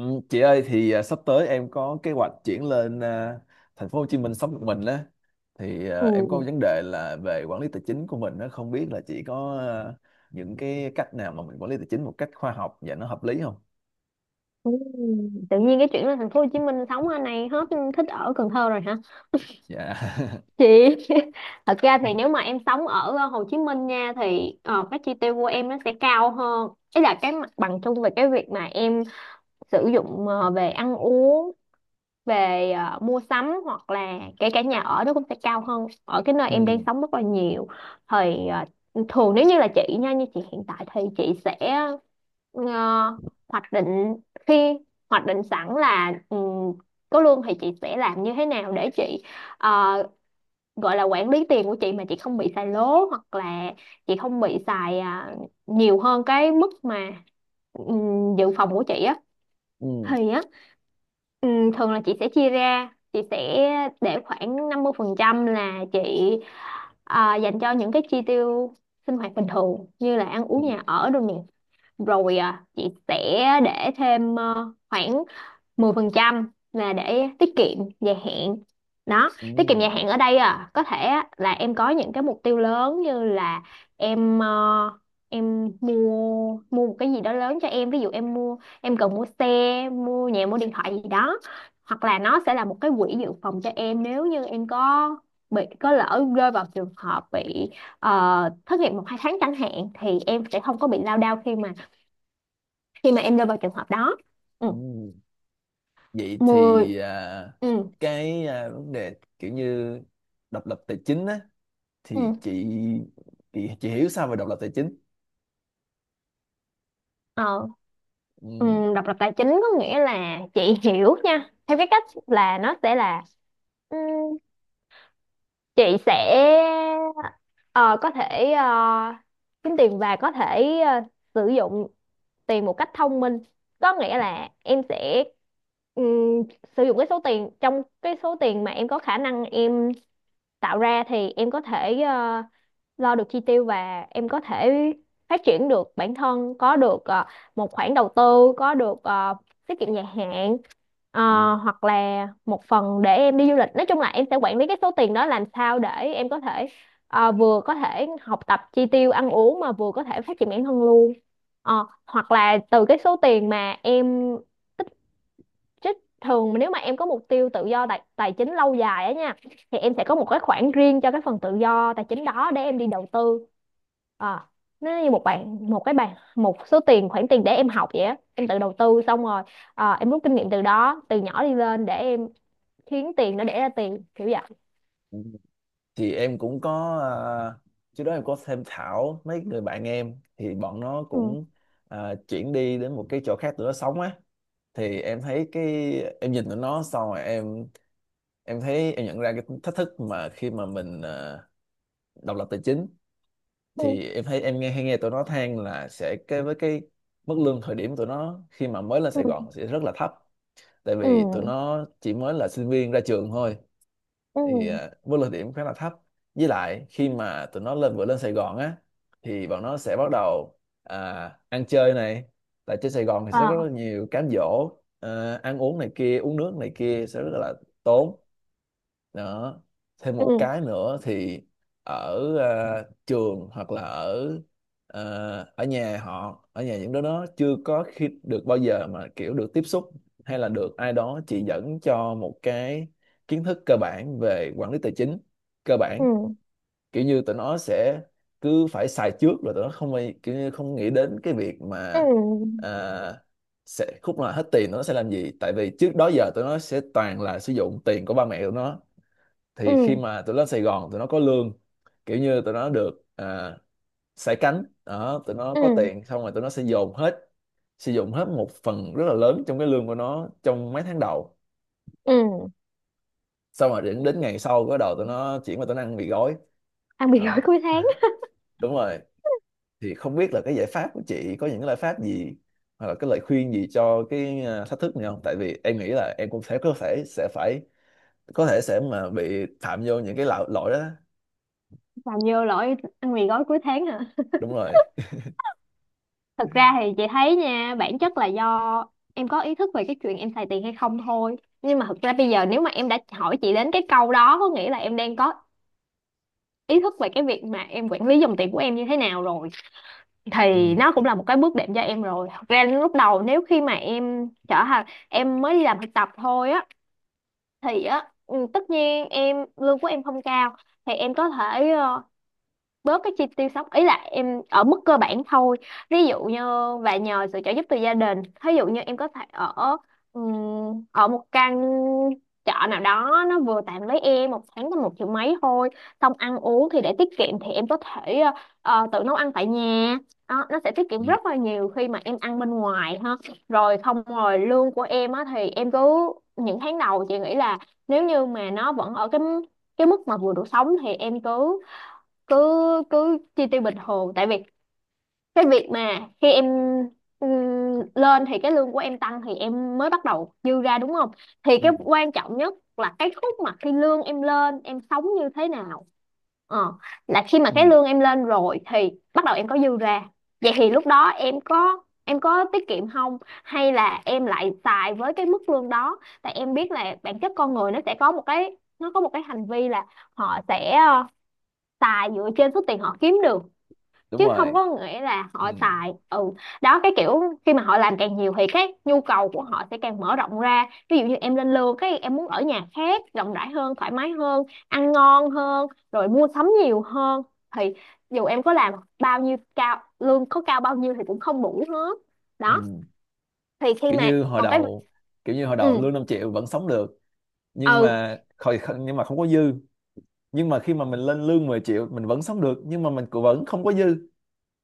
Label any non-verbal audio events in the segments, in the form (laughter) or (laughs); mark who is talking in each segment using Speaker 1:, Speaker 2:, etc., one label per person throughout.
Speaker 1: Ừ, chị ơi thì sắp tới em có kế hoạch chuyển lên thành phố Hồ Chí Minh sống một mình á. Thì em có
Speaker 2: Ừ.
Speaker 1: vấn đề là về quản lý tài chính của mình, nó không biết là chị có những cái cách nào mà mình quản lý tài chính một cách khoa học và nó hợp lý không?
Speaker 2: Ừ. Tự nhiên cái chuyện lên thành phố Hồ Chí Minh sống ở này hết, thích ở Cần Thơ rồi hả
Speaker 1: Dạ. (laughs)
Speaker 2: chị? (laughs) Thật ra thì nếu mà em sống ở Hồ Chí Minh nha, thì các chi tiêu của em nó sẽ cao hơn. Ấy là cái mặt bằng chung về cái việc mà em sử dụng về ăn uống, về mua sắm, hoặc là kể cả nhà ở nó cũng sẽ cao hơn ở cái nơi em đang
Speaker 1: Ừ.
Speaker 2: sống rất là nhiều. Thì thường nếu như là chị nha, như chị hiện tại thì chị sẽ ờ, hoạch định, khi hoạch định sẵn là có lương thì chị sẽ làm như thế nào để chị ờ, gọi là quản lý tiền của chị mà chị không bị xài lố, hoặc là chị không bị xài nhiều hơn cái mức mà ừ, dự phòng của chị á.
Speaker 1: Ừ.
Speaker 2: Thì á, ừ, thường là chị sẽ chia ra, chị sẽ để khoảng 50% là chị dành cho những cái chi tiêu sinh hoạt bình thường, như là ăn
Speaker 1: Ừ.
Speaker 2: uống, nhà ở đồ. Rồi chị sẽ để thêm khoảng 10% là để tiết kiệm dài hạn đó.
Speaker 1: Ừ.
Speaker 2: Tiết kiệm dài hạn ở đây à, có thể á, là em có những cái mục tiêu lớn, như là em ờ, em mua mua một cái gì đó lớn cho em. Ví dụ em mua, em cần mua xe, mua nhà, mua điện thoại gì đó. Hoặc là nó sẽ là một cái quỹ dự phòng cho em, nếu như em có bị, có lỡ rơi vào trường hợp bị thất nghiệp một hai tháng chẳng hạn, thì em sẽ không có bị lao đao khi mà em rơi vào trường hợp đó. Ừ.
Speaker 1: Ừ. Vậy
Speaker 2: 10.
Speaker 1: thì
Speaker 2: Ừ.
Speaker 1: cái vấn đề kiểu như độc lập tài chính á, thì
Speaker 2: Ừ.
Speaker 1: chị hiểu sao về độc lập tài chính?
Speaker 2: Ờ,
Speaker 1: Ừ.
Speaker 2: ừ, độc lập tài chính có nghĩa là, chị hiểu nha, theo cái cách là nó sẽ là, ừ, chị sẽ ờ, có thể kiếm tiền và có thể sử dụng tiền một cách thông minh. Có nghĩa là em sẽ ừ, sử dụng cái số tiền, trong cái số tiền mà em có khả năng em tạo ra, thì em có thể lo được chi tiêu và em có thể phát triển được bản thân, có được một khoản đầu tư, có được tiết kiệm dài hạn,
Speaker 1: Ừ.
Speaker 2: hoặc là một phần để em đi du lịch. Nói chung là em sẽ quản lý cái số tiền đó làm sao để em có thể vừa có thể học tập, chi tiêu, ăn uống, mà vừa có thể phát triển bản thân luôn. Ờ, hoặc là từ cái số tiền mà em chứ, thường mà nếu mà em có mục tiêu tự do tài chính lâu dài á nha, thì em sẽ có một cái khoản riêng cho cái phần tự do tài chính đó để em đi đầu tư. à, nó như một bạn, một cái bàn, một số tiền, khoản tiền để em học vậy á. Em tự đầu tư xong rồi, em rút kinh nghiệm từ đó, từ nhỏ đi lên để em khiến tiền nó đẻ ra tiền, kiểu vậy.
Speaker 1: Ừ. Thì em cũng có trước đó em có tham khảo mấy người bạn em thì bọn nó
Speaker 2: Ừ.
Speaker 1: cũng chuyển đi đến một cái chỗ khác tụi nó sống á. Thì em thấy cái em nhìn tụi nó xong rồi em thấy em nhận ra cái thách thức mà khi mà mình độc lập tài chính.
Speaker 2: Ừ.
Speaker 1: Thì em thấy em nghe hay nghe tụi nó than là sẽ cái với cái mức lương thời điểm tụi nó khi mà mới lên Sài
Speaker 2: Ừ.
Speaker 1: Gòn sẽ rất là thấp, tại vì tụi
Speaker 2: Ừ.
Speaker 1: nó chỉ mới là sinh viên ra trường thôi.
Speaker 2: Ừ.
Speaker 1: Thì vô lực điểm khá là thấp. Với lại khi mà tụi nó lên vừa lên Sài Gòn á thì bọn nó sẽ bắt đầu ăn chơi này, tại trên Sài Gòn thì sẽ có rất
Speaker 2: À.
Speaker 1: là nhiều cám dỗ, ăn uống này kia, uống nước này kia sẽ rất là tốn đó. Thêm một
Speaker 2: Ừ.
Speaker 1: cái nữa thì ở trường hoặc là ở à, ở nhà họ ở nhà những đứa nó chưa có khi được bao giờ mà kiểu được tiếp xúc hay là được ai đó chỉ dẫn cho một cái kiến thức cơ bản về quản lý tài chính cơ bản.
Speaker 2: Ừ.
Speaker 1: Kiểu như tụi nó sẽ cứ phải xài trước, là tụi nó không kiểu như không nghĩ đến cái việc mà
Speaker 2: Ừ.
Speaker 1: à, sẽ khúc nào hết tiền nó sẽ làm gì, tại vì trước đó giờ tụi nó sẽ toàn là sử dụng tiền của ba mẹ tụi nó.
Speaker 2: Ừ.
Speaker 1: Thì khi mà tụi nó lên Sài Gòn tụi nó có lương, kiểu như tụi nó được sải cánh đó, tụi nó có
Speaker 2: Ừ.
Speaker 1: tiền xong rồi tụi nó sẽ dồn hết sử dụng hết một phần rất là lớn trong cái lương của nó trong mấy tháng đầu.
Speaker 2: Ừ.
Speaker 1: Xong rồi đến ngày sau cái đầu tụi nó chuyển qua tụi nó ăn mì gói
Speaker 2: Ăn mì gói
Speaker 1: đó.
Speaker 2: cuối tháng.
Speaker 1: Đúng rồi. Thì không biết là cái giải pháp của chị có những cái giải pháp gì hoặc là cái lời khuyên gì cho cái thách thức này không, tại vì em nghĩ là em cũng sẽ có thể sẽ phải có thể sẽ mà bị phạm vô những cái lỗi lỗi đó.
Speaker 2: Làm vô lỗi ăn mì gói cuối tháng hả?
Speaker 1: Đúng rồi.
Speaker 2: Thực ra thì chị thấy nha, bản chất là do em có ý thức về cái chuyện em xài tiền hay không thôi. Nhưng mà thực ra bây giờ nếu mà em đã hỏi chị đến cái câu đó, có nghĩa là em đang có ý thức về cái việc mà em quản lý dòng tiền của em như thế nào rồi,
Speaker 1: Ừ.
Speaker 2: thì nó cũng là một cái bước đệm cho em rồi. Thật ra lúc đầu, nếu khi mà em trở thành, em mới đi làm thực tập thôi á, thì á, tất nhiên em lương của em không cao, thì em có thể bớt cái chi tiêu sống, ý là em ở mức cơ bản thôi. Ví dụ như và nhờ sự trợ giúp từ gia đình, ví dụ như em có thể ở ở một căn trọ nào đó, nó vừa tạm với em, một tháng có một triệu mấy thôi. Xong ăn uống thì để tiết kiệm, thì em có thể tự nấu ăn tại nhà đó. Nó sẽ tiết kiệm
Speaker 1: Ừ.
Speaker 2: rất là nhiều khi mà em ăn bên ngoài ha. Rồi không, rồi lương của em á thì em cứ những tháng đầu, chị nghĩ là nếu như mà nó vẫn ở cái mức mà vừa đủ sống, thì em cứ cứ cứ chi tiêu bình thường. Tại vì cái việc mà khi em ừm, lên thì cái lương của em tăng, thì em mới bắt đầu dư ra đúng không. Thì
Speaker 1: Ừ.
Speaker 2: cái quan trọng nhất là cái khúc mà khi lương em lên, em sống như thế nào. ờ, là khi mà cái
Speaker 1: Ừ.
Speaker 2: lương em lên rồi thì bắt đầu em có dư ra. Vậy thì lúc đó em có, em có tiết kiệm không, hay là em lại xài với cái mức lương đó? Tại em biết là bản chất con người nó sẽ có một cái, nó có một cái hành vi là họ sẽ xài dựa trên số tiền họ kiếm được,
Speaker 1: Đúng
Speaker 2: chứ không
Speaker 1: rồi.
Speaker 2: có nghĩa là
Speaker 1: Ừ.
Speaker 2: họ xài. Ừ, đó, cái kiểu khi mà họ làm càng nhiều thì cái nhu cầu của họ sẽ càng mở rộng ra. Ví dụ như em lên lương cái em muốn ở nhà khác rộng rãi hơn, thoải mái hơn, ăn ngon hơn, rồi mua sắm nhiều hơn. Thì dù em có làm bao nhiêu, cao lương có cao bao nhiêu thì cũng không đủ hết đó.
Speaker 1: Ừ.
Speaker 2: Thì khi
Speaker 1: kiểu
Speaker 2: mà
Speaker 1: như hồi
Speaker 2: còn cái,
Speaker 1: đầu kiểu như hồi đầu
Speaker 2: ừ,
Speaker 1: lương 5 triệu vẫn sống được, nhưng
Speaker 2: ừ,
Speaker 1: mà khỏi, nhưng mà không có dư. Nhưng mà khi mà mình lên lương 10 triệu mình vẫn sống được, nhưng mà mình cũng vẫn không có dư.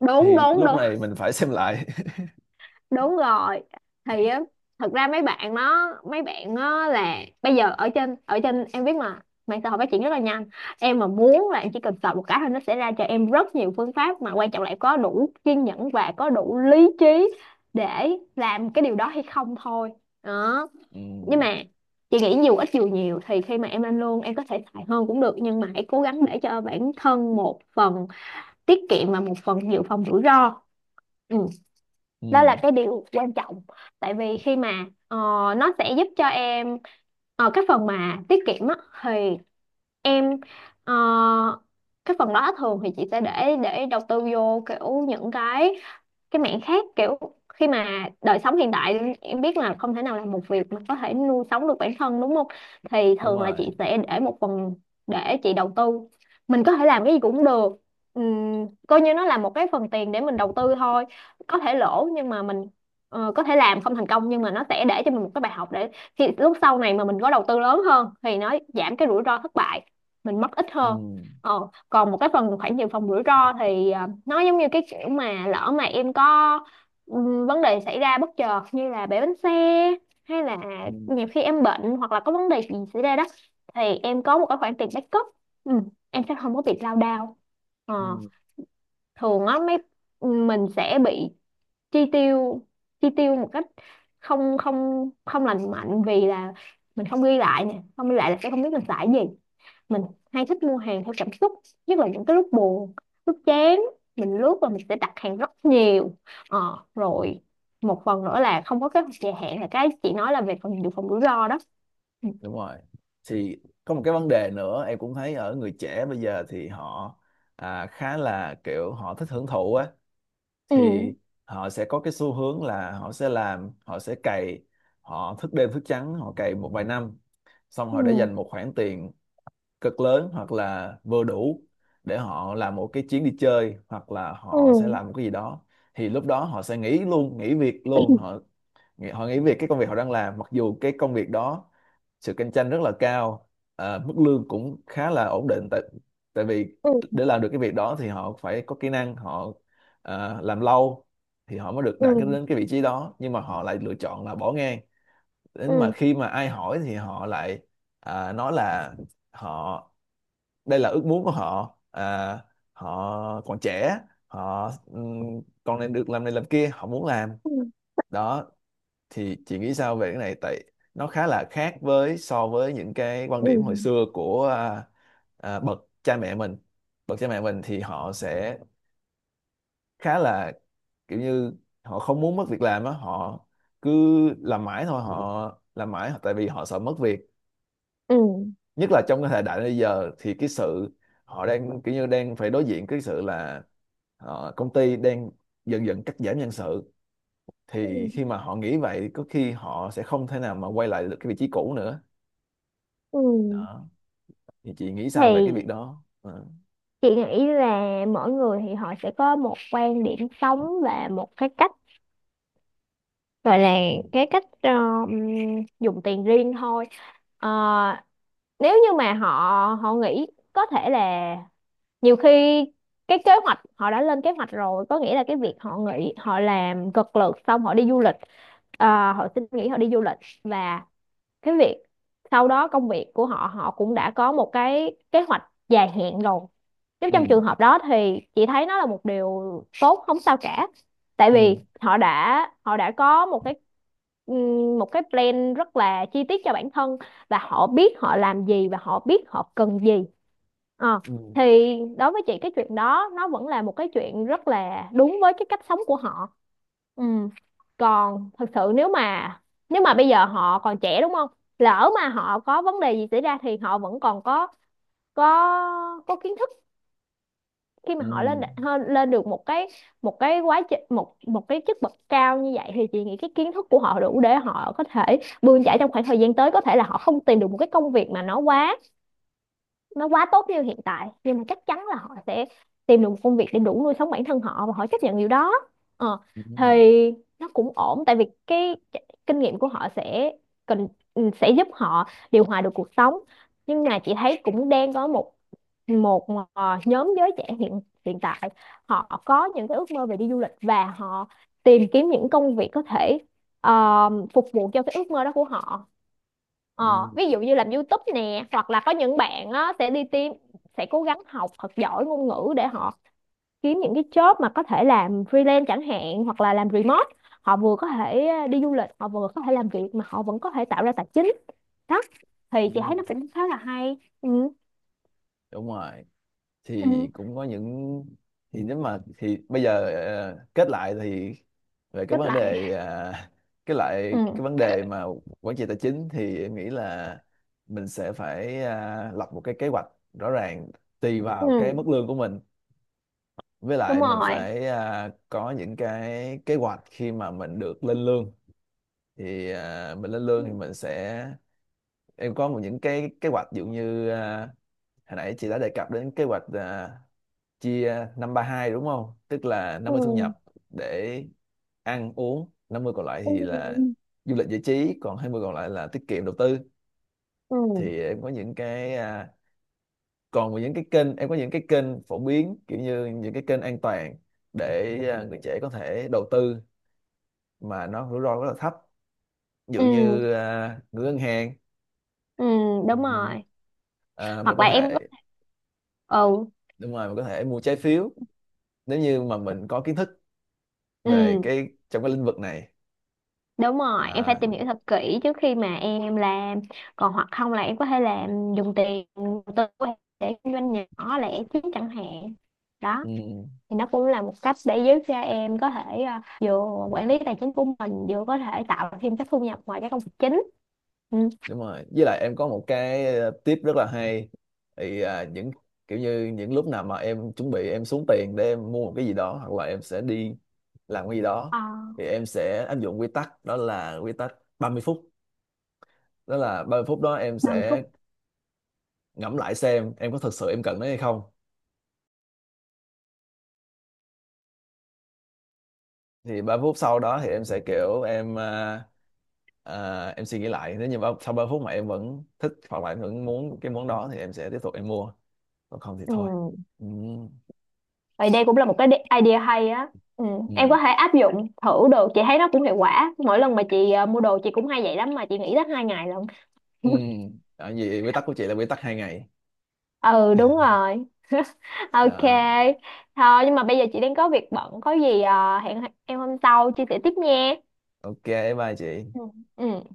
Speaker 2: đúng
Speaker 1: Thì
Speaker 2: đúng
Speaker 1: lúc
Speaker 2: đúng,
Speaker 1: này mình phải xem lại.
Speaker 2: đúng rồi. Thì á thật ra mấy bạn nó là, bây giờ ở trên em biết mà, mạng xã hội phát triển rất là nhanh. Em mà muốn là em chỉ cần sợ một cái thôi, nó sẽ ra cho em rất nhiều phương pháp. Mà quan trọng là em có đủ kiên nhẫn và có đủ lý trí để làm cái điều đó hay không thôi đó.
Speaker 1: (laughs) Ừ,
Speaker 2: Nhưng mà chị nghĩ dù ít dù nhiều, thì khi mà em lên lương, em có thể xài hơn cũng được, nhưng mà hãy cố gắng để cho bản thân một phần tiết kiệm và một phần dự phòng rủi ro. Ừ, đó là
Speaker 1: ừ,
Speaker 2: cái điều quan trọng. Tại vì khi mà nó sẽ giúp cho em, cái phần mà tiết kiệm á, thì em ờ, cái phần đó thường thì chị sẽ để đầu tư vô, kiểu những cái mảng khác. Kiểu khi mà đời sống hiện đại, em biết là không thể nào làm một việc mà có thể nuôi sống được bản thân đúng không. Thì
Speaker 1: đúng
Speaker 2: thường là
Speaker 1: rồi.
Speaker 2: chị sẽ để một phần để chị đầu tư. Mình có thể làm cái gì cũng được. Coi như nó là một cái phần tiền để mình đầu tư thôi. Có thể lỗ, nhưng mà mình có thể làm không thành công, nhưng mà nó sẽ để cho mình một cái bài học, để khi lúc sau này mà mình có đầu tư lớn hơn thì nó giảm cái rủi ro thất bại, mình mất ít
Speaker 1: Ừ,
Speaker 2: hơn. Ờ, còn một cái phần khoản dự phòng rủi ro, thì nó giống như cái kiểu mà lỡ mà em có vấn đề xảy ra bất chợt, như là bể bánh xe hay là
Speaker 1: ừ,
Speaker 2: nhiều khi em bệnh, hoặc là có vấn đề gì xảy ra đó, thì em có một cái khoản tiền backup, ừ, em sẽ không có bị lao đao. Ờ,
Speaker 1: ừ,
Speaker 2: thường á mấy, mình sẽ bị chi tiêu, chi tiêu một cách không không không lành mạnh, vì là mình không ghi lại nè, không ghi lại là sẽ không biết mình xài gì, mình hay thích mua hàng theo cảm xúc, nhất là những cái lúc buồn, lúc chán, mình lướt và mình sẽ đặt hàng rất nhiều. ờ, rồi một phần nữa là không có kế hoạch dài hạn, là cái chị nói là về phần dự phòng rủi ro đó. Ừ.
Speaker 1: đúng rồi. Thì có một cái vấn đề nữa em cũng thấy ở người trẻ bây giờ, thì họ khá là kiểu họ thích hưởng thụ á.
Speaker 2: Ừ.
Speaker 1: Thì họ sẽ có cái xu hướng là họ sẽ làm, họ sẽ cày, họ thức đêm thức trắng, họ cày một vài năm, xong
Speaker 2: Ừ.
Speaker 1: họ để dành một khoản tiền cực lớn hoặc là vừa đủ để họ làm một cái chuyến đi chơi hoặc là họ sẽ
Speaker 2: Ừ.
Speaker 1: làm một cái gì đó. Thì lúc đó họ sẽ nghỉ luôn, nghỉ việc luôn. Họ họ nghỉ việc cái công việc họ đang làm, mặc dù cái công việc đó sự cạnh tranh rất là cao, mức lương cũng khá là ổn định. Tại tại vì
Speaker 2: Ừ.
Speaker 1: để làm được cái việc đó thì họ phải có kỹ năng, họ làm lâu thì họ mới được đạt
Speaker 2: Ừ.
Speaker 1: đến cái vị trí đó, nhưng mà họ lại lựa chọn là bỏ ngang. Đến mà
Speaker 2: Ừ.
Speaker 1: khi mà ai hỏi thì họ lại nói là họ đây là ước muốn của họ, họ còn trẻ, họ còn nên được làm này làm kia, họ muốn làm
Speaker 2: Ừ.
Speaker 1: đó. Thì chị nghĩ sao về cái này, tại nó khá là khác với so với những cái quan
Speaker 2: Ừ.
Speaker 1: điểm hồi xưa của bậc cha mẹ mình. Bậc cha mẹ mình thì họ sẽ khá là kiểu như họ không muốn mất việc làm á, họ cứ làm mãi thôi, họ làm mãi tại vì họ sợ mất việc.
Speaker 2: Ừ.
Speaker 1: Nhất là trong cái thời đại bây giờ thì cái sự họ đang kiểu như đang phải đối diện cái sự là công ty đang dần dần cắt giảm nhân sự.
Speaker 2: Ừ.
Speaker 1: Thì khi mà họ nghĩ vậy có khi họ sẽ không thể nào mà quay lại được cái vị trí cũ nữa
Speaker 2: Ừ.
Speaker 1: đó. Thì chị nghĩ sao về cái
Speaker 2: Thì
Speaker 1: việc đó? Ờ.
Speaker 2: chị nghĩ là mỗi người thì họ sẽ có một quan điểm sống và một cái cách gọi là
Speaker 1: Ừ
Speaker 2: cái cách dùng tiền riêng thôi. Ờ, nếu như mà họ họ nghĩ có thể là nhiều khi cái kế hoạch họ đã lên kế hoạch rồi, có nghĩa là cái việc họ nghỉ, họ làm cực lực xong họ đi du lịch, họ xin nghỉ họ đi du lịch. Và cái việc sau đó, công việc của họ, họ cũng đã có một cái kế hoạch dài hạn rồi. Nếu trong
Speaker 1: ừ
Speaker 2: trường hợp đó thì chị thấy nó là một điều tốt, không sao cả. Tại
Speaker 1: ừ
Speaker 2: vì họ đã có một cái, một cái plan rất là chi tiết cho bản thân, và họ biết họ làm gì và họ biết họ cần gì. Ờ,
Speaker 1: ừ
Speaker 2: thì đối với chị cái chuyện đó nó vẫn là một cái chuyện rất là đúng với cái cách sống của họ. Ừ. Còn thật sự nếu mà bây giờ họ còn trẻ đúng không, lỡ mà họ có vấn đề gì xảy ra thì họ vẫn còn có có kiến thức. Khi mà
Speaker 1: ừ
Speaker 2: họ lên được một cái, một cái quá trình, một một cái chức bậc cao như vậy, thì chị nghĩ cái kiến thức của họ đủ để họ có thể bươn chải trong khoảng thời gian tới. Có thể là họ không tìm được một cái công việc mà nó quá tốt như hiện tại, nhưng mà chắc chắn là họ sẽ tìm được một công việc để đủ nuôi sống bản thân họ, và họ chấp nhận điều đó. Ờ,
Speaker 1: ừ ừ ừ.
Speaker 2: thì nó cũng ổn, tại vì cái kinh nghiệm của họ sẽ cần, sẽ giúp họ điều hòa được cuộc sống. Nhưng mà chị thấy cũng đang có một một nhóm giới trẻ hiện hiện tại, họ có những cái ước mơ về đi du lịch, và họ tìm kiếm những công việc có thể phục vụ cho cái ước mơ đó của họ. Ờ, ví
Speaker 1: Ừ,
Speaker 2: dụ như làm YouTube nè, hoặc là có những bạn á, sẽ đi tìm, sẽ cố gắng học thật giỏi ngôn ngữ để họ kiếm những cái job mà có thể làm freelance chẳng hạn, hoặc là làm remote. Họ vừa có thể đi du lịch, họ vừa có thể làm việc, mà họ vẫn có thể tạo ra tài chính. Đó, thì
Speaker 1: ừ,
Speaker 2: chị thấy nó cũng khá là hay. Ừ.
Speaker 1: đúng rồi. Thì
Speaker 2: Ừ,
Speaker 1: cũng có những thì nếu mà thì bây giờ kết lại thì về cái
Speaker 2: chốt
Speaker 1: vấn
Speaker 2: lại.
Speaker 1: đề (laughs) cái lại cái
Speaker 2: Ừ.
Speaker 1: vấn đề mà quản trị tài chính thì em nghĩ là mình sẽ phải lập một cái kế hoạch rõ ràng tùy
Speaker 2: Ừ,
Speaker 1: vào cái mức lương của mình. Với
Speaker 2: đúng
Speaker 1: lại mình
Speaker 2: rồi.
Speaker 1: phải có những cái kế hoạch khi mà mình được lên lương. Thì mình lên
Speaker 2: Ừ,
Speaker 1: lương thì mình sẽ em có một những cái kế hoạch. Ví dụ như hồi nãy chị đã đề cập đến kế hoạch chia 532 đúng không? Tức là năm
Speaker 2: ừ,
Speaker 1: mươi thu nhập để ăn uống, 50 còn lại thì là
Speaker 2: ừ,
Speaker 1: du lịch giải trí, còn 20 còn lại là tiết kiệm đầu tư.
Speaker 2: ừ,
Speaker 1: Thì em có những cái còn những cái kênh, em có những cái kênh phổ biến kiểu như những cái kênh an toàn để người trẻ có thể đầu tư mà nó rủi ro rất là thấp. Ví dụ
Speaker 2: ừ,
Speaker 1: như gửi ngân hàng.
Speaker 2: ừ, đúng
Speaker 1: Ừm,
Speaker 2: rồi.
Speaker 1: mình
Speaker 2: Hoặc
Speaker 1: có
Speaker 2: là em có.
Speaker 1: thể
Speaker 2: Ừ,
Speaker 1: đúng rồi mình có thể mua trái phiếu nếu như mà mình có kiến thức về
Speaker 2: ừ.
Speaker 1: cái trong cái lĩnh vực này.
Speaker 2: Đúng rồi, em phải
Speaker 1: Đó.
Speaker 2: tìm hiểu thật kỹ trước khi mà em làm. Còn hoặc không là em có thể làm dùng tiền đầu tư của em để kinh doanh nhỏ lẻ chứ chẳng hạn. Đó,
Speaker 1: Ừ.
Speaker 2: thì nó cũng là một cách để giúp cho em có thể vừa quản lý tài chính của mình, vừa có thể tạo thêm các thu nhập ngoài các công việc chính. Ừ.
Speaker 1: Đúng rồi, với lại em có một cái tip rất là hay. Thì những kiểu như những lúc nào mà em chuẩn bị em xuống tiền để em mua một cái gì đó hoặc là em sẽ đi làm cái gì đó
Speaker 2: À,
Speaker 1: thì em sẽ áp dụng quy tắc, đó là quy tắc 30 phút. Đó là 30 phút đó em
Speaker 2: 30 phút.
Speaker 1: sẽ ngẫm lại xem em có thực sự em cần nó hay không. Thì 30 phút sau đó thì em sẽ kiểu em em suy nghĩ lại. Nếu như sau 30 phút mà em vẫn thích hoặc là em vẫn muốn cái món đó thì em sẽ tiếp tục em mua, còn không thì
Speaker 2: Ừ.
Speaker 1: thôi. Ừ.
Speaker 2: Vậy đây cũng là một cái idea hay á. Ừ. Em
Speaker 1: Ừ.
Speaker 2: có thể áp dụng thử được, chị thấy nó cũng hiệu quả. Mỗi lần mà chị mua đồ chị cũng hay vậy lắm, mà chị nghĩ tới 2 ngày lận.
Speaker 1: Ừ.
Speaker 2: (laughs)
Speaker 1: Đó, vậy quy tắc của chị là quy tắc 2 ngày.
Speaker 2: Ừ đúng rồi. Ok,
Speaker 1: Đó.
Speaker 2: thôi nhưng mà bây giờ chị đang có việc bận, có gì hẹn em hôm sau chia sẻ tiếp nha.
Speaker 1: Ok, bye chị.
Speaker 2: Ừ. Ừ.